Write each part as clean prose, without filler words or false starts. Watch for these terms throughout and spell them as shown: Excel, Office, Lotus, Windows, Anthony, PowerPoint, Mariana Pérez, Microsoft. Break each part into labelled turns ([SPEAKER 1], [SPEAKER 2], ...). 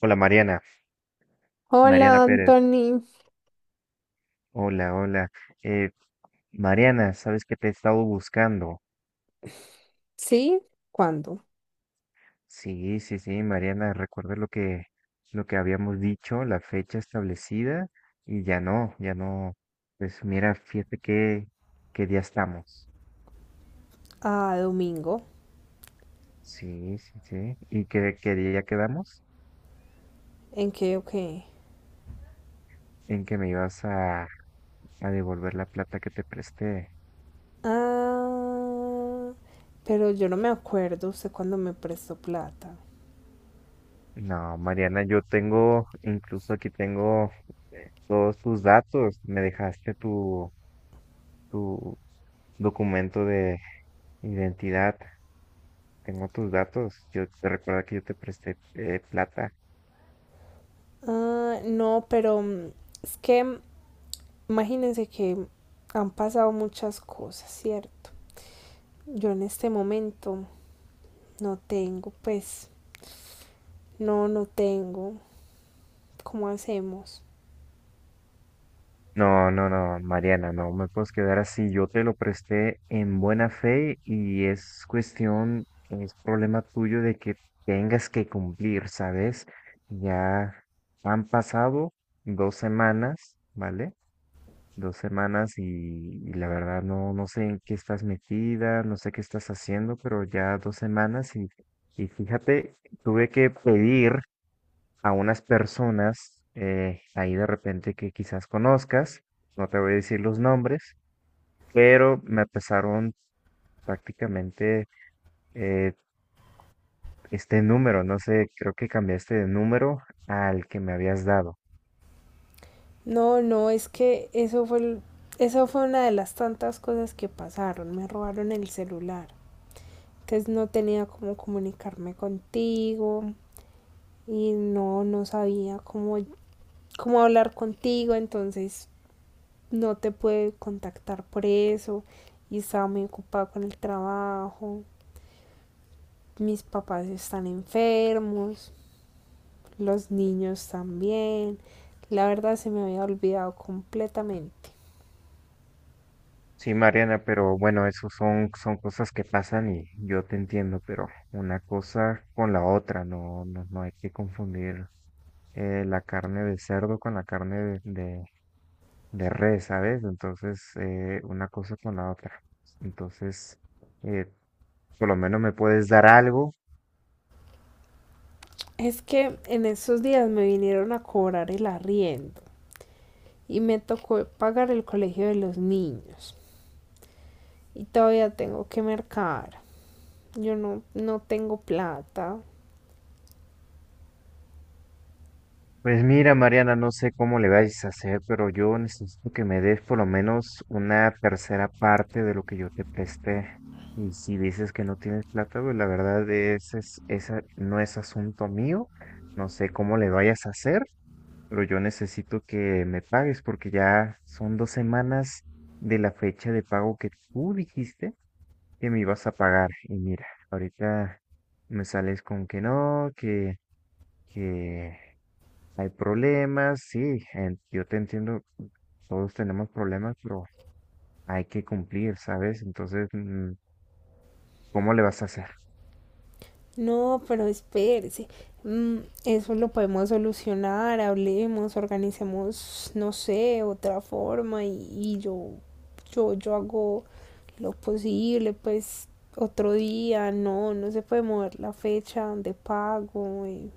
[SPEAKER 1] Hola, Mariana, Mariana
[SPEAKER 2] Hola,
[SPEAKER 1] Pérez.
[SPEAKER 2] Anthony.
[SPEAKER 1] Hola, hola. Eh, Mariana, sabes que te he estado buscando.
[SPEAKER 2] ¿Sí? ¿Cuándo?
[SPEAKER 1] Sí, sí, sí, Mariana, recuerda lo que habíamos dicho, la fecha establecida y ya no, ya no. Pues mira, fíjate qué día estamos.
[SPEAKER 2] Ah, domingo.
[SPEAKER 1] Sí, sí, sí. ¿Y qué día quedamos?
[SPEAKER 2] ¿En qué o qué?
[SPEAKER 1] En que me ibas a devolver la plata que te presté.
[SPEAKER 2] Ah, pero yo no me acuerdo usted cuándo me prestó plata.
[SPEAKER 1] No, Mariana, yo tengo, incluso aquí tengo todos tus datos. Me dejaste tu documento de identidad. Tengo tus datos. Yo te recuerdo que yo te presté plata.
[SPEAKER 2] Ah, no, pero es que imagínense que han pasado muchas cosas, ¿cierto? Yo en este momento no tengo, pues, no tengo. ¿Cómo hacemos?
[SPEAKER 1] No, no, no, Mariana, no me puedes quedar así. Yo te lo presté en buena fe y es cuestión, es problema tuyo de que tengas que cumplir, ¿sabes? Ya han pasado 2 semanas, ¿vale? 2 semanas y la verdad, no, no sé en qué estás metida, no sé qué estás haciendo, pero ya 2 semanas y fíjate, tuve que pedir a unas personas ahí de repente, que quizás conozcas, no te voy a decir los nombres, pero me pasaron prácticamente eh, este número, no sé, creo que cambiaste de número al que me habías dado.
[SPEAKER 2] No, no, es que eso fue, eso fue una de las tantas cosas que pasaron. Me robaron el celular. Entonces no tenía cómo comunicarme contigo y no sabía cómo hablar contigo. Entonces no te pude contactar por eso y estaba muy ocupada con el trabajo. Mis papás están enfermos, los niños también. La verdad se me había olvidado completamente.
[SPEAKER 1] Sí, Mariana, pero bueno, eso son cosas que pasan y yo te entiendo, pero una cosa con la otra, no, no, no hay que confundir, la carne de cerdo con la carne de res, ¿sabes? Entonces, una cosa con la otra. Entonces, eh, por lo menos me puedes dar algo.
[SPEAKER 2] Es que en esos días me vinieron a cobrar el arriendo y me tocó pagar el colegio de los niños. Y todavía tengo que mercar. Yo no tengo plata.
[SPEAKER 1] Pues mira, Mariana, no sé cómo le vais a hacer, pero yo necesito que me des por lo menos una tercera parte de lo que yo te presté. Y si dices que no tienes plata, pues la verdad esa no es asunto mío. No sé cómo le vayas a hacer, pero yo necesito que me pagues porque ya son 2 semanas de la fecha de pago que tú dijiste que me ibas a pagar. Y mira, ahorita me sales con que no, que hay problemas, sí, yo te entiendo, todos tenemos problemas, pero hay que cumplir, ¿sabes? Entonces, ¿cómo le vas a hacer?
[SPEAKER 2] No, pero espérese. Mm, Eso lo podemos solucionar, hablemos, organicemos, no sé, otra forma y yo hago lo posible, pues otro día, no, no se puede mover la fecha de pago,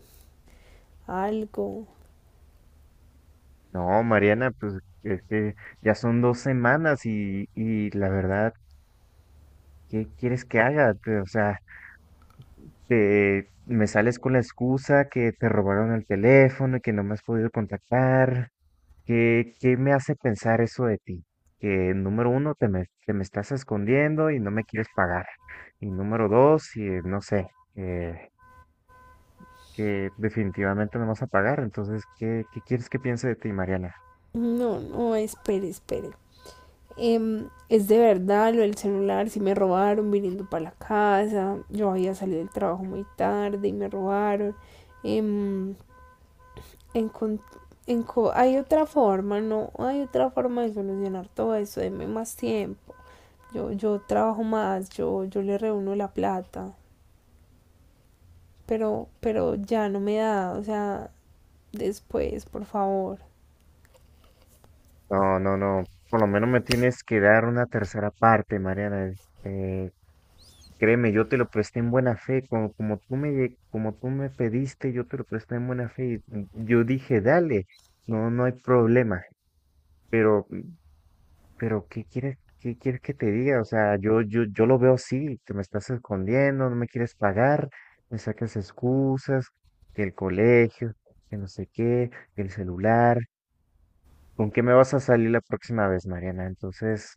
[SPEAKER 2] algo.
[SPEAKER 1] No, Mariana, pues es que ya son dos semanas y la verdad, ¿qué quieres que haga? O sea, me sales con la excusa que te robaron el teléfono y que no me has podido contactar. ¿Qué me hace pensar eso de ti? Que número uno, que me estás escondiendo y no me quieres pagar. Y número dos, no sé, eh, que definitivamente no vas a pagar. Entonces, ¿qué quieres que piense de ti, Mariana?
[SPEAKER 2] No, no, espere, espere. Es de verdad lo del celular, si me robaron viniendo para la casa, yo había salido del trabajo muy tarde y me robaron. Em, encon- hay otra forma, no, hay otra forma de solucionar todo eso, denme más tiempo. Yo trabajo más, yo le reúno la plata, pero ya no me da, o sea, después, por favor.
[SPEAKER 1] No, no, no. Por lo menos me tienes que dar una tercera parte, Mariana. Eh, Créeme, yo te lo presté en buena fe. Como como tú me pediste, yo te lo presté en buena fe. Y yo dije, dale, no, no hay problema. Pero Pero ¿qué quieres que te diga? O sea, yo lo veo así, que me estás escondiendo, no me quieres pagar, me sacas excusas, que el colegio, que no sé qué, que el celular. ¿Con qué me vas a salir la próxima vez, Mariana? Entonces,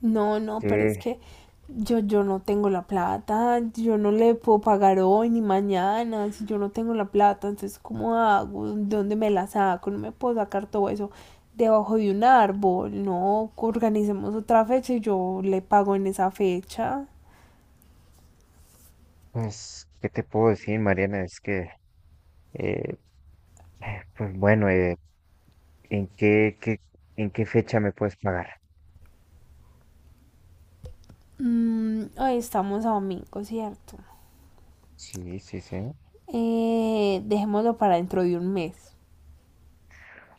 [SPEAKER 2] No, no, pero es
[SPEAKER 1] ¿qué,
[SPEAKER 2] que yo no tengo la plata, yo no le puedo pagar hoy ni mañana, si yo no tengo la plata, entonces ¿cómo hago? ¿De dónde me la saco? No me puedo sacar todo eso debajo de un árbol, no, organicemos otra fecha y yo le pago en esa fecha.
[SPEAKER 1] pues, qué te puedo decir, Mariana? Es que, eh, pues bueno, ¿en qué, qué, en qué fecha me puedes pagar?
[SPEAKER 2] Hoy estamos a domingo, ¿cierto?
[SPEAKER 1] Sí, sí, sí.
[SPEAKER 2] Dejémoslo para dentro de un mes.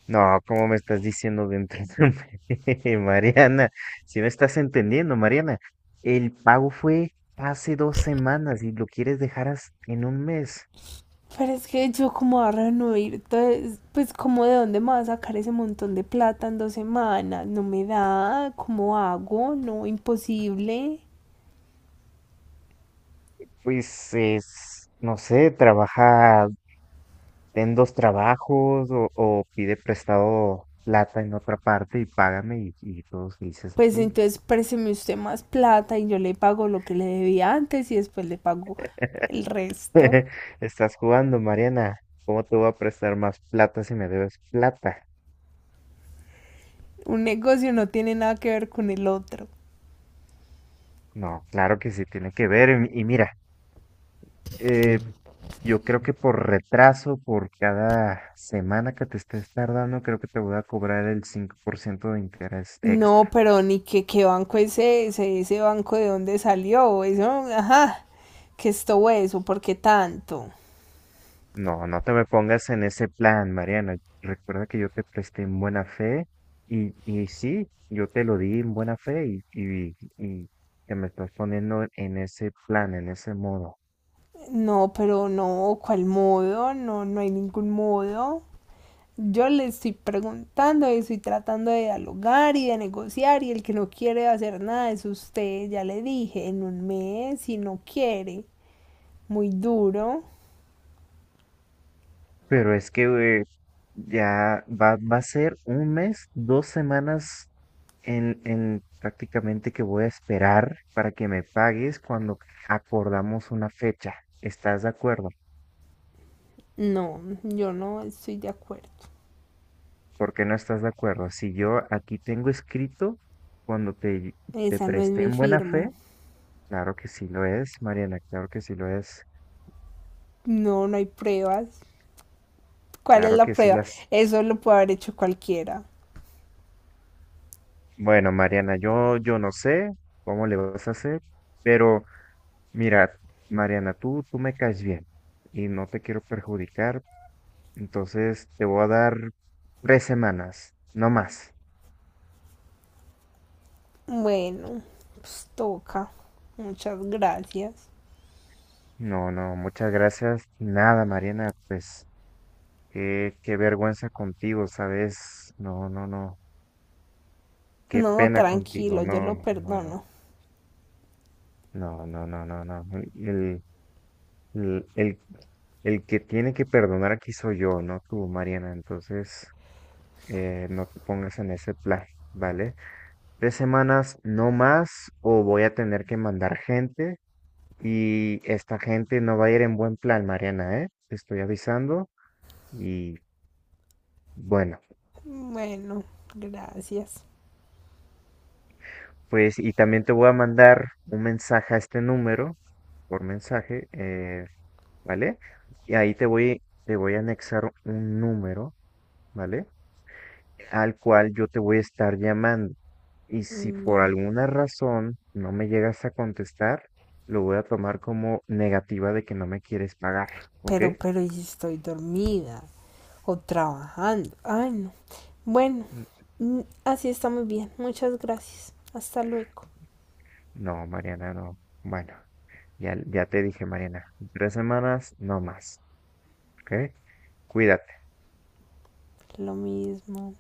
[SPEAKER 1] No, ¿cómo me estás diciendo de entretenerme, Mariana? Si no estás entendiendo, Mariana, el pago fue hace 2 semanas y lo quieres dejar en un mes.
[SPEAKER 2] Pero es que yo como a reunir, entonces, pues como de dónde me va a sacar ese montón de plata en dos semanas, no me da, ¿cómo hago? No, imposible.
[SPEAKER 1] Pues es, no sé, trabaja en 2 trabajos o pide prestado plata en otra parte y págame y todos felices
[SPEAKER 2] Pues
[SPEAKER 1] aquí.
[SPEAKER 2] entonces présteme usted más plata y yo le pago lo que le debía antes y después le pago el resto.
[SPEAKER 1] Estás jugando, Mariana. ¿Cómo te voy a prestar más plata si me debes plata?
[SPEAKER 2] Un negocio no tiene nada que ver con el otro.
[SPEAKER 1] No, claro que sí tiene que ver. Y mira. Eh, yo creo que por retraso, por cada semana que te estés tardando, creo que te voy a cobrar el 5% de interés
[SPEAKER 2] No,
[SPEAKER 1] extra.
[SPEAKER 2] pero ni que qué banco es ese, ese banco de dónde salió, eso, ajá, que esto eso, ¿por qué tanto?
[SPEAKER 1] No, no te me pongas en ese plan, Mariana. Recuerda que yo te presté en buena fe y sí, yo te lo di en buena fe y que me estás poniendo en ese plan, en ese modo.
[SPEAKER 2] No, pero no, ¿cuál modo? No, no hay ningún modo. Yo le estoy preguntando y estoy tratando de dialogar y de negociar y el que no quiere hacer nada es usted, ya le dije, en un mes, si no quiere, muy duro.
[SPEAKER 1] Pero es que eh, ya va, a ser un mes, 2 semanas en prácticamente, que voy a esperar para que me pagues cuando acordamos una fecha. ¿Estás de acuerdo?
[SPEAKER 2] No, yo no estoy de acuerdo.
[SPEAKER 1] ¿Por qué no estás de acuerdo? Si yo aquí tengo escrito cuando te
[SPEAKER 2] Esa no es
[SPEAKER 1] presté
[SPEAKER 2] mi
[SPEAKER 1] en buena
[SPEAKER 2] firma.
[SPEAKER 1] fe, claro que sí lo es, Mariana, claro que sí lo es,
[SPEAKER 2] No, no hay pruebas. ¿Cuál es
[SPEAKER 1] claro
[SPEAKER 2] la
[SPEAKER 1] que sí
[SPEAKER 2] prueba?
[SPEAKER 1] las.
[SPEAKER 2] Eso lo puede haber hecho cualquiera.
[SPEAKER 1] Bueno, Mariana, yo no sé cómo le vas a hacer, pero mira, Mariana, tú me caes bien y no te quiero perjudicar. Entonces te voy a dar 3 semanas, no más.
[SPEAKER 2] Bueno, pues toca. Muchas gracias.
[SPEAKER 1] No, no, muchas gracias. Nada, Mariana, pues qué vergüenza contigo, ¿sabes? No, no, no. Qué
[SPEAKER 2] No,
[SPEAKER 1] pena contigo.
[SPEAKER 2] tranquilo, yo
[SPEAKER 1] No,
[SPEAKER 2] lo
[SPEAKER 1] no, no, no.
[SPEAKER 2] perdono.
[SPEAKER 1] No, no, no, no, no. El, el, el, el que tiene que perdonar aquí soy yo, no tú, Mariana. Entonces, no te pongas en ese plan, ¿vale? Tres semanas, no más, o voy a tener que mandar gente. Y esta gente no va a ir en buen plan, Mariana, ¿eh? Te estoy avisando. Y bueno,
[SPEAKER 2] Bueno, gracias.
[SPEAKER 1] pues, y también te voy a mandar un mensaje a este número, por mensaje, ¿vale? Y ahí te voy a anexar un número, ¿vale? Al cual yo te voy a estar llamando. Y si por
[SPEAKER 2] Bueno.
[SPEAKER 1] alguna razón no me llegas a contestar, lo voy a tomar como negativa de que no me quieres pagar, ¿ok?
[SPEAKER 2] Pero, ¿y si estoy dormida o trabajando? Ay, no. Bueno, así está muy bien. Muchas gracias. Hasta luego.
[SPEAKER 1] No, Mariana, no. Bueno, ya, ya te dije, Mariana, en 3 semanas no más, ¿ok? Cuídate.
[SPEAKER 2] Lo mismo.